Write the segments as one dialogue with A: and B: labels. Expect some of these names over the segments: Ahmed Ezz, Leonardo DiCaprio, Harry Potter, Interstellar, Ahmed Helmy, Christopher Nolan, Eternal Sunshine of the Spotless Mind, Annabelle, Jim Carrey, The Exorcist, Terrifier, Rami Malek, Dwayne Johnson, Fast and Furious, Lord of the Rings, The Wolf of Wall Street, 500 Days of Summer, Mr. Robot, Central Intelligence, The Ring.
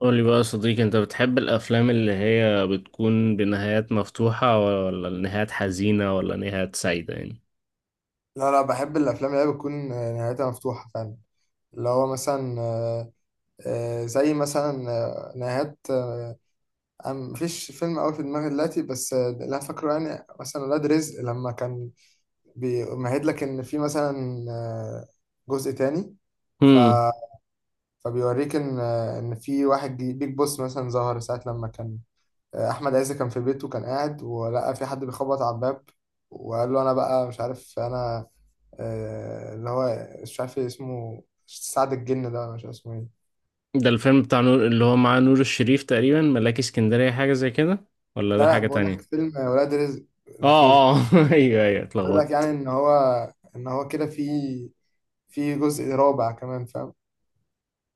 A: قولي بقى يا صديقي، انت بتحب الافلام اللي هي بتكون بنهايات مفتوحة ولا نهايات حزينة ولا نهايات سعيدة يعني؟
B: لا لا، بحب الافلام اللي هي بتكون نهايتها مفتوحه فعلا. اللي هو مثلا آه، آه، زي مثلا آه، نهايات آه، أنا مفيش فيلم قوي في دماغي دلوقتي، بس اللي انا فاكره يعني مثلا ولاد رزق، لما كان بيمهد لك ان في مثلا جزء تاني. ف
A: هم.
B: فبيوريك ان ان في واحد بيج بوس مثلا ظهر ساعه لما كان احمد عز كان في بيته، كان قاعد ولقى في حد بيخبط على الباب وقال له انا بقى مش عارف انا اللي هو مش عارف إيه اسمه، سعد الجن ده، ولا مش عارف اسمه ايه.
A: ده الفيلم بتاع نور اللي هو مع نور الشريف، تقريبا ملاك اسكندرية، حاجة زي كده، ولا
B: لا
A: ده
B: لا،
A: حاجة
B: بقول لك
A: تانية؟
B: فيلم ولاد رزق
A: اه
B: الأخير.
A: اه. ايوه ايوه،
B: بيقول لك يعني
A: اتلخبطت.
B: إن هو كده في في جزء رابع كمان، فاهم؟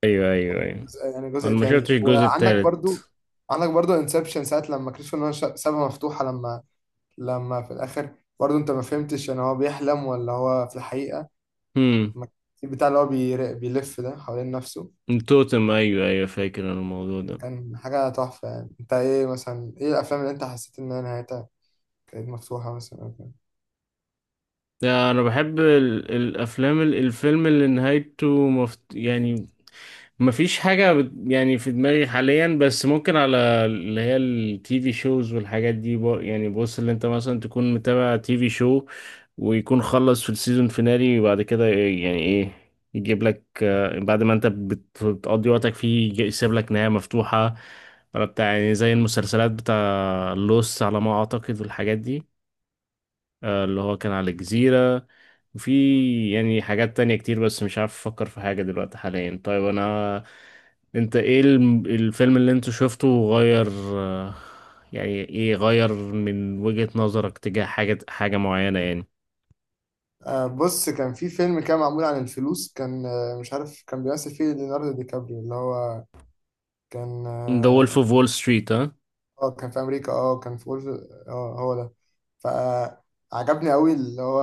A: ايوه ايوه ايوه.
B: جزء، يعني
A: انا
B: جزء
A: ما شفتش
B: تاني.
A: الجزء
B: وعندك برضو،
A: التالت.
B: عندك برضو انسبشن، ساعة لما كريستوفر نولان سابها مفتوحة، لما لما في الآخر برضو أنت ما فهمتش، يعني هو بيحلم ولا هو في الحقيقة.
A: هم.
B: ما- البتاع اللي هو بيلف ده حوالين نفسه،
A: التوتم، ايوه ايوه، فاكر انا الموضوع ده.
B: كان حاجة تحفة. يعني أنت إيه مثلا، إيه الأفلام اللي أنت حسيت إن هي نهايتها كانت مفتوحة مثلا أو كده؟
A: ده انا بحب الفيلم اللي نهايته يعني، مفيش حاجة يعني في دماغي حاليا، بس ممكن على اللي هي التي في شوز والحاجات دي. بو، يعني بص، اللي انت مثلا تكون متابع تي في شو ويكون خلص في السيزون فينالي، وبعد كده إيه، يعني ايه، يجيب لك، بعد ما انت بتقضي وقتك فيه، يسيب لك نهاية مفتوحة، ولا بتاع، يعني زي المسلسلات بتاع لوس على ما اعتقد والحاجات دي، اللي هو كان على الجزيرة. وفي يعني حاجات تانية كتير بس مش عارف أفكر في حاجة دلوقتي حاليا. طيب أنا، أنت إيه الفيلم اللي أنت شفته غير، آه، يعني إيه، غير من وجهة نظرك تجاه حاجة حاجة معينة يعني؟
B: آه بص، كان في فيلم كان معمول عن الفلوس، كان آه مش عارف، كان بيمثل فيه ليوناردو دي كابريو، اللي هو كان
A: The Wolf
B: اه
A: of Wall Street، ها؟
B: كان في أمريكا، اه كان في أولف... اه هو ده. فعجبني أوي اللي هو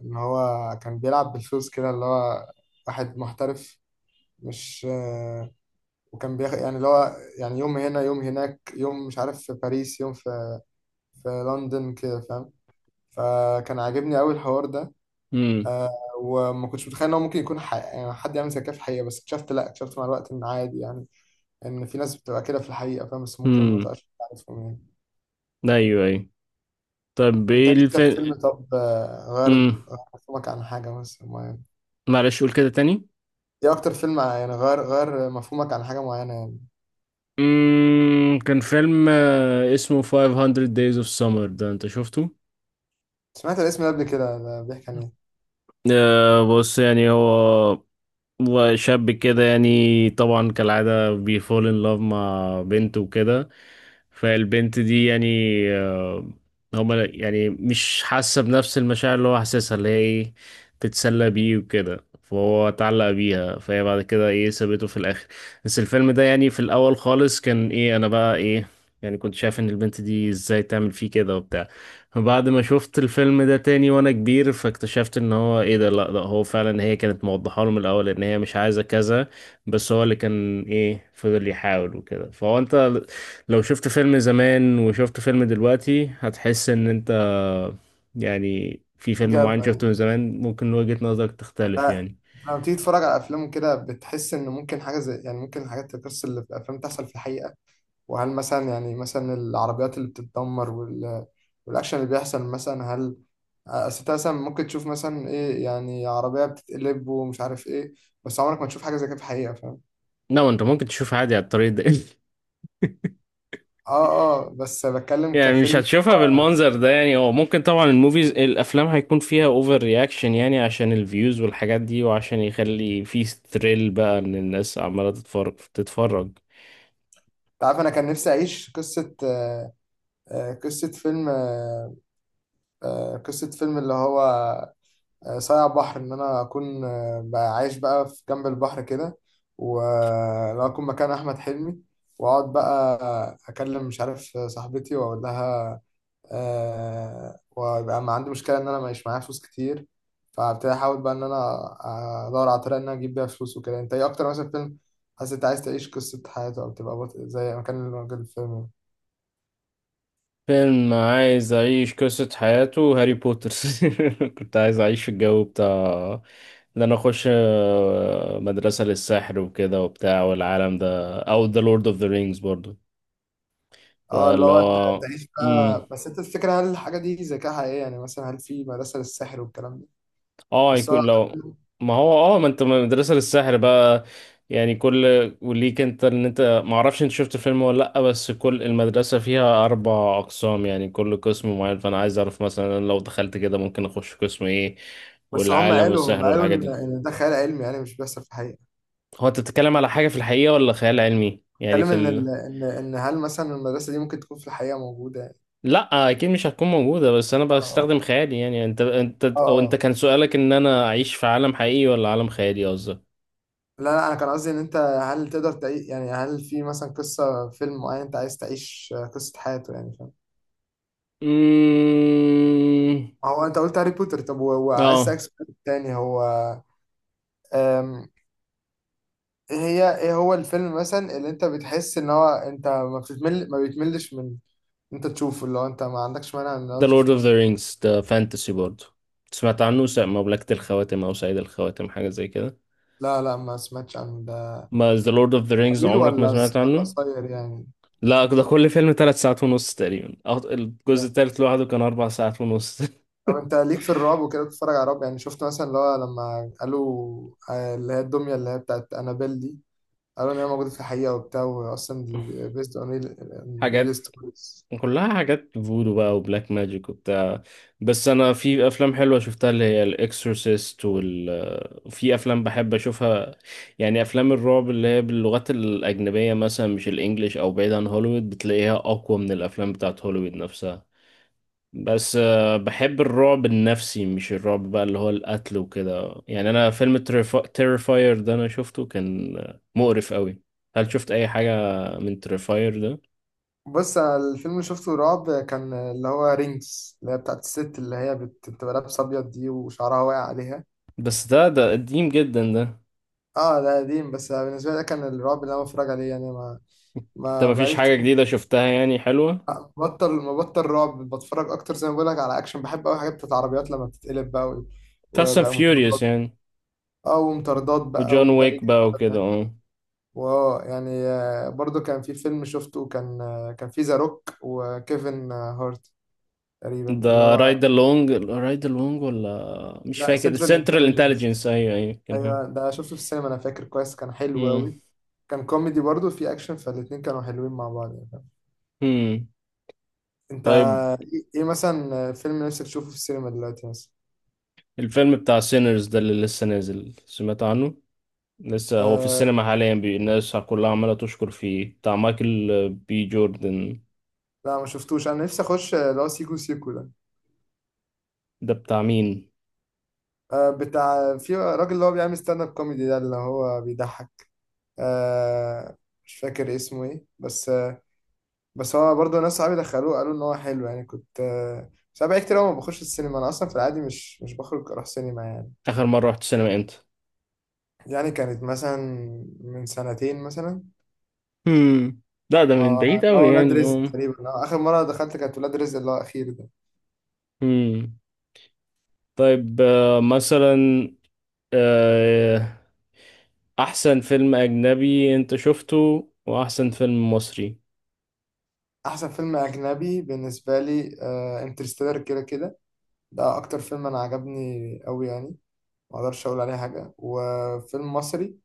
B: إن هو كان بيلعب بالفلوس كده، اللي هو واحد محترف، مش آه. وكان بياخد يعني اللي هو يعني يوم هنا، يوم هناك، يوم مش عارف في باريس، يوم في في لندن كده، فاهم؟ فكان عاجبني أوي الحوار ده.
A: امم
B: وما كنتش متخيل ان هو ممكن يكون ح... يعني حد يعمل زي كده في الحقيقه، بس اكتشفت، لا اكتشفت مع الوقت ان عادي يعني، ان في ناس بتبقى كده في الحقيقه، فاهم؟ بس ممكن ما
A: امم
B: تبقاش عارفهم يعني.
A: أيوه أيوه. طب
B: انت
A: إيه
B: إيه اكتر
A: الفيلم؟
B: فيلم، طب غير
A: امم
B: غير مفهومك عن حاجه مثلا معينه؟
A: معلش قول كده تاني.
B: ايه اكتر فيلم يعني غير غير مفهومك عن حاجه معينه يعني؟
A: كان فيلم اسمه 500 Days of Summer، ده أنت شفته؟
B: سمعت الاسم ده قبل كده، ده بيحكي عن ايه؟
A: بص، يعني هو شاب كده، يعني طبعا كالعادة بيفول ان لاف مع بنت وكده، فالبنت دي يعني، آه، هما يعني مش حاسة بنفس المشاعر اللي هو حاسسها، اللي هي ايه، تتسلى بيه وكده، فهو اتعلق بيها، فهي بعد كده ايه سابته في الاخر. بس الفيلم ده يعني في الاول خالص كان ايه، انا بقى ايه، يعني كنت شايف ان البنت دي ازاي تعمل فيه كده وبتاع. بعد ما شفت الفيلم ده تاني وانا كبير، فاكتشفت ان هو ايه، ده لا ده هو فعلا هي كانت موضحه له من الاول ان هي مش عايزه كذا، بس هو اللي كان ايه فضل يحاول وكده. فهو انت لو شفت فيلم زمان وشفت فيلم دلوقتي، هتحس ان انت يعني في فيلم
B: جاب
A: معين شفته
B: ايوه.
A: من زمان ممكن وجهة نظرك تختلف
B: آه،
A: يعني.
B: لما بتيجي تتفرج على افلام كده، بتحس ان ممكن حاجه زي، يعني ممكن الحاجات، القصص اللي في الافلام تحصل في الحقيقه. وهل مثلا، يعني مثلا العربيات اللي بتتدمر وال... والأكشن اللي بيحصل مثلا، هل أصل أنت مثلا ممكن تشوف مثلا إيه، يعني عربية بتتقلب ومش عارف إيه، بس عمرك ما تشوف حاجة زي كده في الحقيقة، فاهم؟
A: لا انت ممكن تشوف عادي على الطريق ده.
B: آه. آه بس بتكلم
A: يعني مش
B: كفيلم.
A: هتشوفها بالمنظر ده، يعني هو ممكن طبعا الموفيز الافلام هيكون فيها اوفر رياكشن، يعني عشان الفيوز والحاجات دي، وعشان يخلي في ستريل بقى ان الناس عماله تتفرج تتفرج.
B: أنت عارف أنا كان نفسي أعيش قصة قصة فيلم قصة فيلم اللي هو ساعة بحر، إن أنا أكون بقى عايش بقى في جنب البحر كده، ولو أكون مكان أحمد حلمي، وأقعد بقى أكلم مش عارف صاحبتي وأقول لها أه، ويبقى ما عندي مشكلة إن أنا معيش معايا فلوس كتير، فابتدي أحاول بقى إن أنا أدور على طريقة إن أنا أجيب بيها فلوس وكده. أنت إيه أكتر مثلا فيلم حاسس أنت عايز تعيش قصة حياته، أو تبقى بطل زي مكان الراجل الفيلم؟
A: فيلم عايز اعيش قصة حياته، هاري بوتر. كنت عايز اعيش في الجو بتاع، ان انا اخش، مدرسة للسحر وكده وبتاع، والعالم ده، او ذا لورد اوف ذا رينجز برضو.
B: اه اللي
A: فاللي
B: هو
A: هو
B: تعيش بقى.
A: مم.
B: بس انت الفكرة، هل الحاجة دي ذكاء حقيقي؟ يعني مثلا هل في مدرسة للسحر والكلام ده؟
A: اه،
B: بس هو،
A: يكون لو، ما هو اه ما انت مدرسة للسحر بقى يعني كل، وليك انت ان انت ما اعرفش انت شفت الفيلم ولا لا، بس كل المدرسة فيها اربع اقسام، يعني كل قسم معين، فانا عايز اعرف مثلا لو دخلت كده ممكن اخش قسم ايه،
B: بس هم
A: والعالم
B: قالوا هم
A: والسحر
B: قالوا
A: والحاجات
B: ان
A: دي.
B: ان ده خيال علمي، يعني مش بيحصل في الحقيقه.
A: هو انت بتتكلم على حاجة في الحقيقة ولا خيال علمي، يعني
B: اتكلم
A: في
B: ان ال... ان ان هل مثلا المدرسه دي ممكن تكون في الحقيقه موجوده يعني.
A: لا اكيد مش هتكون موجودة، بس انا
B: اه.
A: بستخدم خيالي. يعني انت
B: اه
A: وانت
B: آه.
A: كان سؤالك ان انا اعيش في عالم حقيقي ولا عالم خيالي قصدك؟
B: لا لا، انا كان قصدي ان انت هل تقدر تعيش، يعني هل في مثلا قصه فيلم معين انت عايز تعيش قصه حياته يعني، فاهم؟
A: مم،
B: هو انت قلت هاري بوتر. طب وعايز
A: اه.
B: اسالك سؤال تاني. هو أم... ايه هي، ايه هو الفيلم مثلا اللي انت بتحس ان هو انت ما بتتمل، ما بيتملش من انت تشوفه، اللي هو انت ما عندكش مانع ان هو
A: ده لورد
B: تشوفه
A: اوف
B: مثلا؟
A: ذا رينجز ده فانتسي برضه، سمعت عنه؟ مملكة الخواتم او سيد الخواتم، حاجة زي كده.
B: لا لا، ما سمعتش عنه ده.
A: ما ذا لورد اوف ذا رينجز،
B: طويل
A: عمرك ما
B: ولا
A: سمعت
B: ولا
A: عنه؟
B: قصير يعني؟
A: لا ده، كل فيلم ثلاث ساعات ونص تقريبا، الجزء
B: ده
A: الثالث لوحده كان اربع ساعات ونص.
B: طب انت ليك في الرعب وكده، بتتفرج على رعب؟ يعني شفت مثلا اللي هو لما قالوا اللي هي الدمية اللي هي بتاعت انابيل دي، قالوا ان هي موجودة في الحقيقة وبتاع، واصلا دي بيست اون ريل
A: حاجات،
B: ستوريز.
A: كلها حاجات فودو بقى، وبلاك ماجيك وبتاع. بس انا في افلام حلوه شفتها، اللي هي الاكسورسيست، وال في افلام بحب اشوفها، يعني افلام الرعب اللي هي باللغات الاجنبيه، مثلا مش الانجليش او بعيد عن هوليوود، بتلاقيها اقوى من الافلام بتاعت هوليوود نفسها. بس بحب الرعب النفسي، مش الرعب بقى اللي هو القتل وكده. يعني انا فيلم تيرفاير ده انا شفته، كان مقرف قوي. هل شفت اي حاجه من تيرفاير ده؟
B: بص انا الفيلم اللي شفته رعب، كان اللي هو رينجز، اللي هي بتاعت الست اللي هي بتبقى لابسة ابيض دي وشعرها واقع عليها.
A: بس ده قديم جدا ده.
B: اه ده قديم، بس بالنسبة لي ده كان الرعب اللي انا بتفرج عليه يعني، ما
A: انت
B: ما
A: مفيش
B: بقالي
A: حاجة
B: كتير.
A: جديدة شفتها يعني حلوة؟
B: بطل، مبطل رعب، بتفرج اكتر زي ما بقول لك على اكشن، بحب قوي حاجات بتاعت عربيات لما بتتقلب بقى
A: فاست اند
B: وبقى
A: فيوريوس
B: مطاردات.
A: يعني؟
B: اه ومطاردات بقى،
A: وجون
B: وده
A: ويك
B: يجري
A: بقى
B: وده
A: وكده،
B: ده.
A: اه.
B: واو يعني برضو كان في فيلم شفته، كان كان في ذا روك وكيفن هارت تقريبا،
A: ده
B: اللي هو
A: رايد لونج، رايد لونج، ولا مش
B: لا،
A: فاكر،
B: سنترال
A: سنترال انتليجنس،
B: انتليجنس،
A: ايوه ايوه كان.
B: ايوه ده شفته في السينما، انا فاكر كويس، كان حلو
A: هم.
B: قوي. كان كوميدي برضو في اكشن، فالاتنين كانوا حلوين مع بعض يعني.
A: هم.
B: انت
A: طيب،
B: ايه، إيه مثلا فيلم نفسك تشوفه في السينما دلوقتي مثلا؟
A: الفيلم بتاع سينرز ده اللي لسه نازل، سمعت عنه؟ لسه هو في
B: آه،
A: السينما حاليا، الناس كلها عمالة تشكر فيه، بتاع مايكل بي جوردن.
B: لا ما شفتوش، انا نفسي اخش اللي هو سيكو سيكو ده.
A: ده بتاع مين؟
B: آه بتاع في راجل اللي هو بيعمل ستاند اب كوميدي ده، اللي هو بيضحك آه، مش فاكر اسمه ايه، بس آه بس هو برضه ناس صحابي دخلوه، قالوا ان هو حلو يعني، كنت آه. بس انا بقالي كتير أوي ما بخش السينما، انا اصلا في العادي مش مش بخرج اروح سينما يعني.
A: آخر مرة رحت السينما امتى؟
B: يعني كانت مثلا من سنتين مثلا،
A: هم. لا ده من بعيد
B: اللي
A: أوي
B: هو ولاد
A: يعني.
B: رزق تقريبا، اخر مره دخلت كانت ولاد رزق اللي هو الاخير ده.
A: اه. طيب، مثلا، آه، احسن فيلم اجنبي انت شفته، واحسن فيلم مصري.
B: احسن فيلم اجنبي بالنسبه لي انترستيلر، كده كده ده اكتر فيلم انا عجبني قوي يعني، ما اقدرش اقول عليه حاجه. وفيلم مصري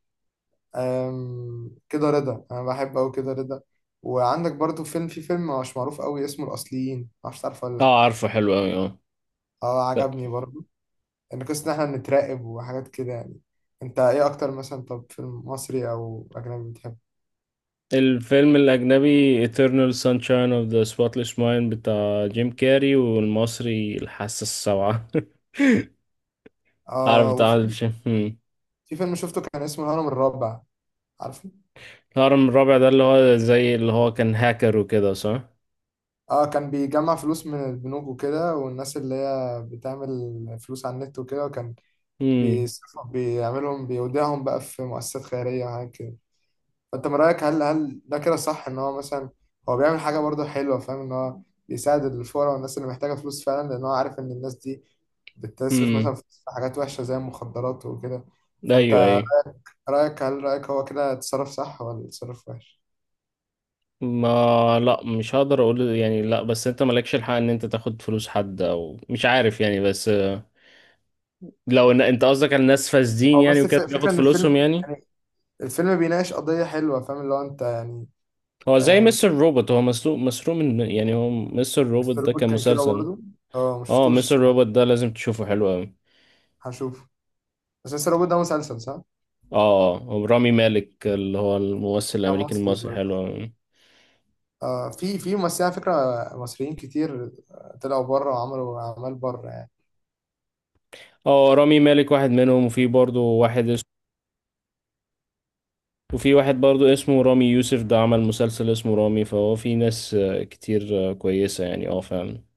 B: كده رضا، انا بحب قوي كده رضا. وعندك برضو فيلم، في فيلم مش معروف قوي اسمه الاصليين، ما اعرفش تعرفه ولا لا.
A: اه عارفه، حلو قوي، اه.
B: اه
A: لا.
B: عجبني برضو، ان قصه ان احنا بنتراقب وحاجات كده يعني. انت ايه اكتر مثلا، طب فيلم مصري او اجنبي بتحبه؟
A: الفيلم الاجنبي Eternal Sunshine of the Spotless Mind بتاع جيم كاري، والمصري الحاسة السبعة. عارف،
B: اه
A: بتاع عادل
B: وفي،
A: الشام. مم.
B: في فيلم شفته كان اسمه الهرم الرابع، عارفه؟
A: الهرم الرابع ده اللي هو زي اللي هو كان هاكر وكده صح؟
B: اه كان بيجمع فلوس من البنوك وكده والناس اللي هي بتعمل فلوس على النت وكده، وكان
A: امم
B: بيعملهم، بيوديهم بقى في مؤسسات خيرية وحاجات كده. فأنت من رأيك، هل هل ده كده صح إن هو مثلا هو بيعمل حاجة برضه حلوة، فاهم إن هو بيساعد الفقراء والناس اللي محتاجة فلوس فعلا، لأن هو عارف إن الناس دي بتصرف مثلا
A: امم
B: في حاجات وحشة زي المخدرات وكده.
A: ايوه
B: فأنت
A: ايوه.
B: رأيك، هل رأيك هو كده اتصرف صح ولا اتصرف وحش؟
A: ما لا مش هقدر اقول يعني، لا بس انت مالكش الحق ان انت تاخد فلوس حد او مش عارف، يعني بس لو ان انت قصدك على الناس فاسدين
B: أو
A: يعني
B: بس
A: وكده
B: الفكرة
A: بياخد
B: إن
A: فلوسهم
B: الفيلم
A: يعني.
B: يعني الفيلم بيناقش قضية حلوة، فاهم اللي هو أنت يعني.
A: هو زي
B: آه،
A: مستر روبوت، هو مسروق من، يعني هو مستر روبوت
B: مستر
A: ده كان
B: روبوت كان كده
A: مسلسل.
B: برضه. أه
A: اه
B: مشفتوش
A: مستر
B: الصراحة،
A: روبوت ده لازم تشوفه، حلو قوي.
B: هشوفه. بس مستر روبوت ده مسلسل صح؟
A: اه، هو رامي مالك اللي هو الممثل
B: لا
A: الامريكي
B: مصري
A: المصري، حلو
B: برضه.
A: قوي.
B: آه في في ممثلين على فكرة مصريين كتير طلعوا بره وعملوا أعمال بره يعني.
A: اه رامي مالك واحد منهم، وفي برضه واحد، وفي واحد برضو اسمه رامي يوسف ده عمل مسلسل اسمه رامي. فهو في ناس كتير كويسة يعني، اه فعلا.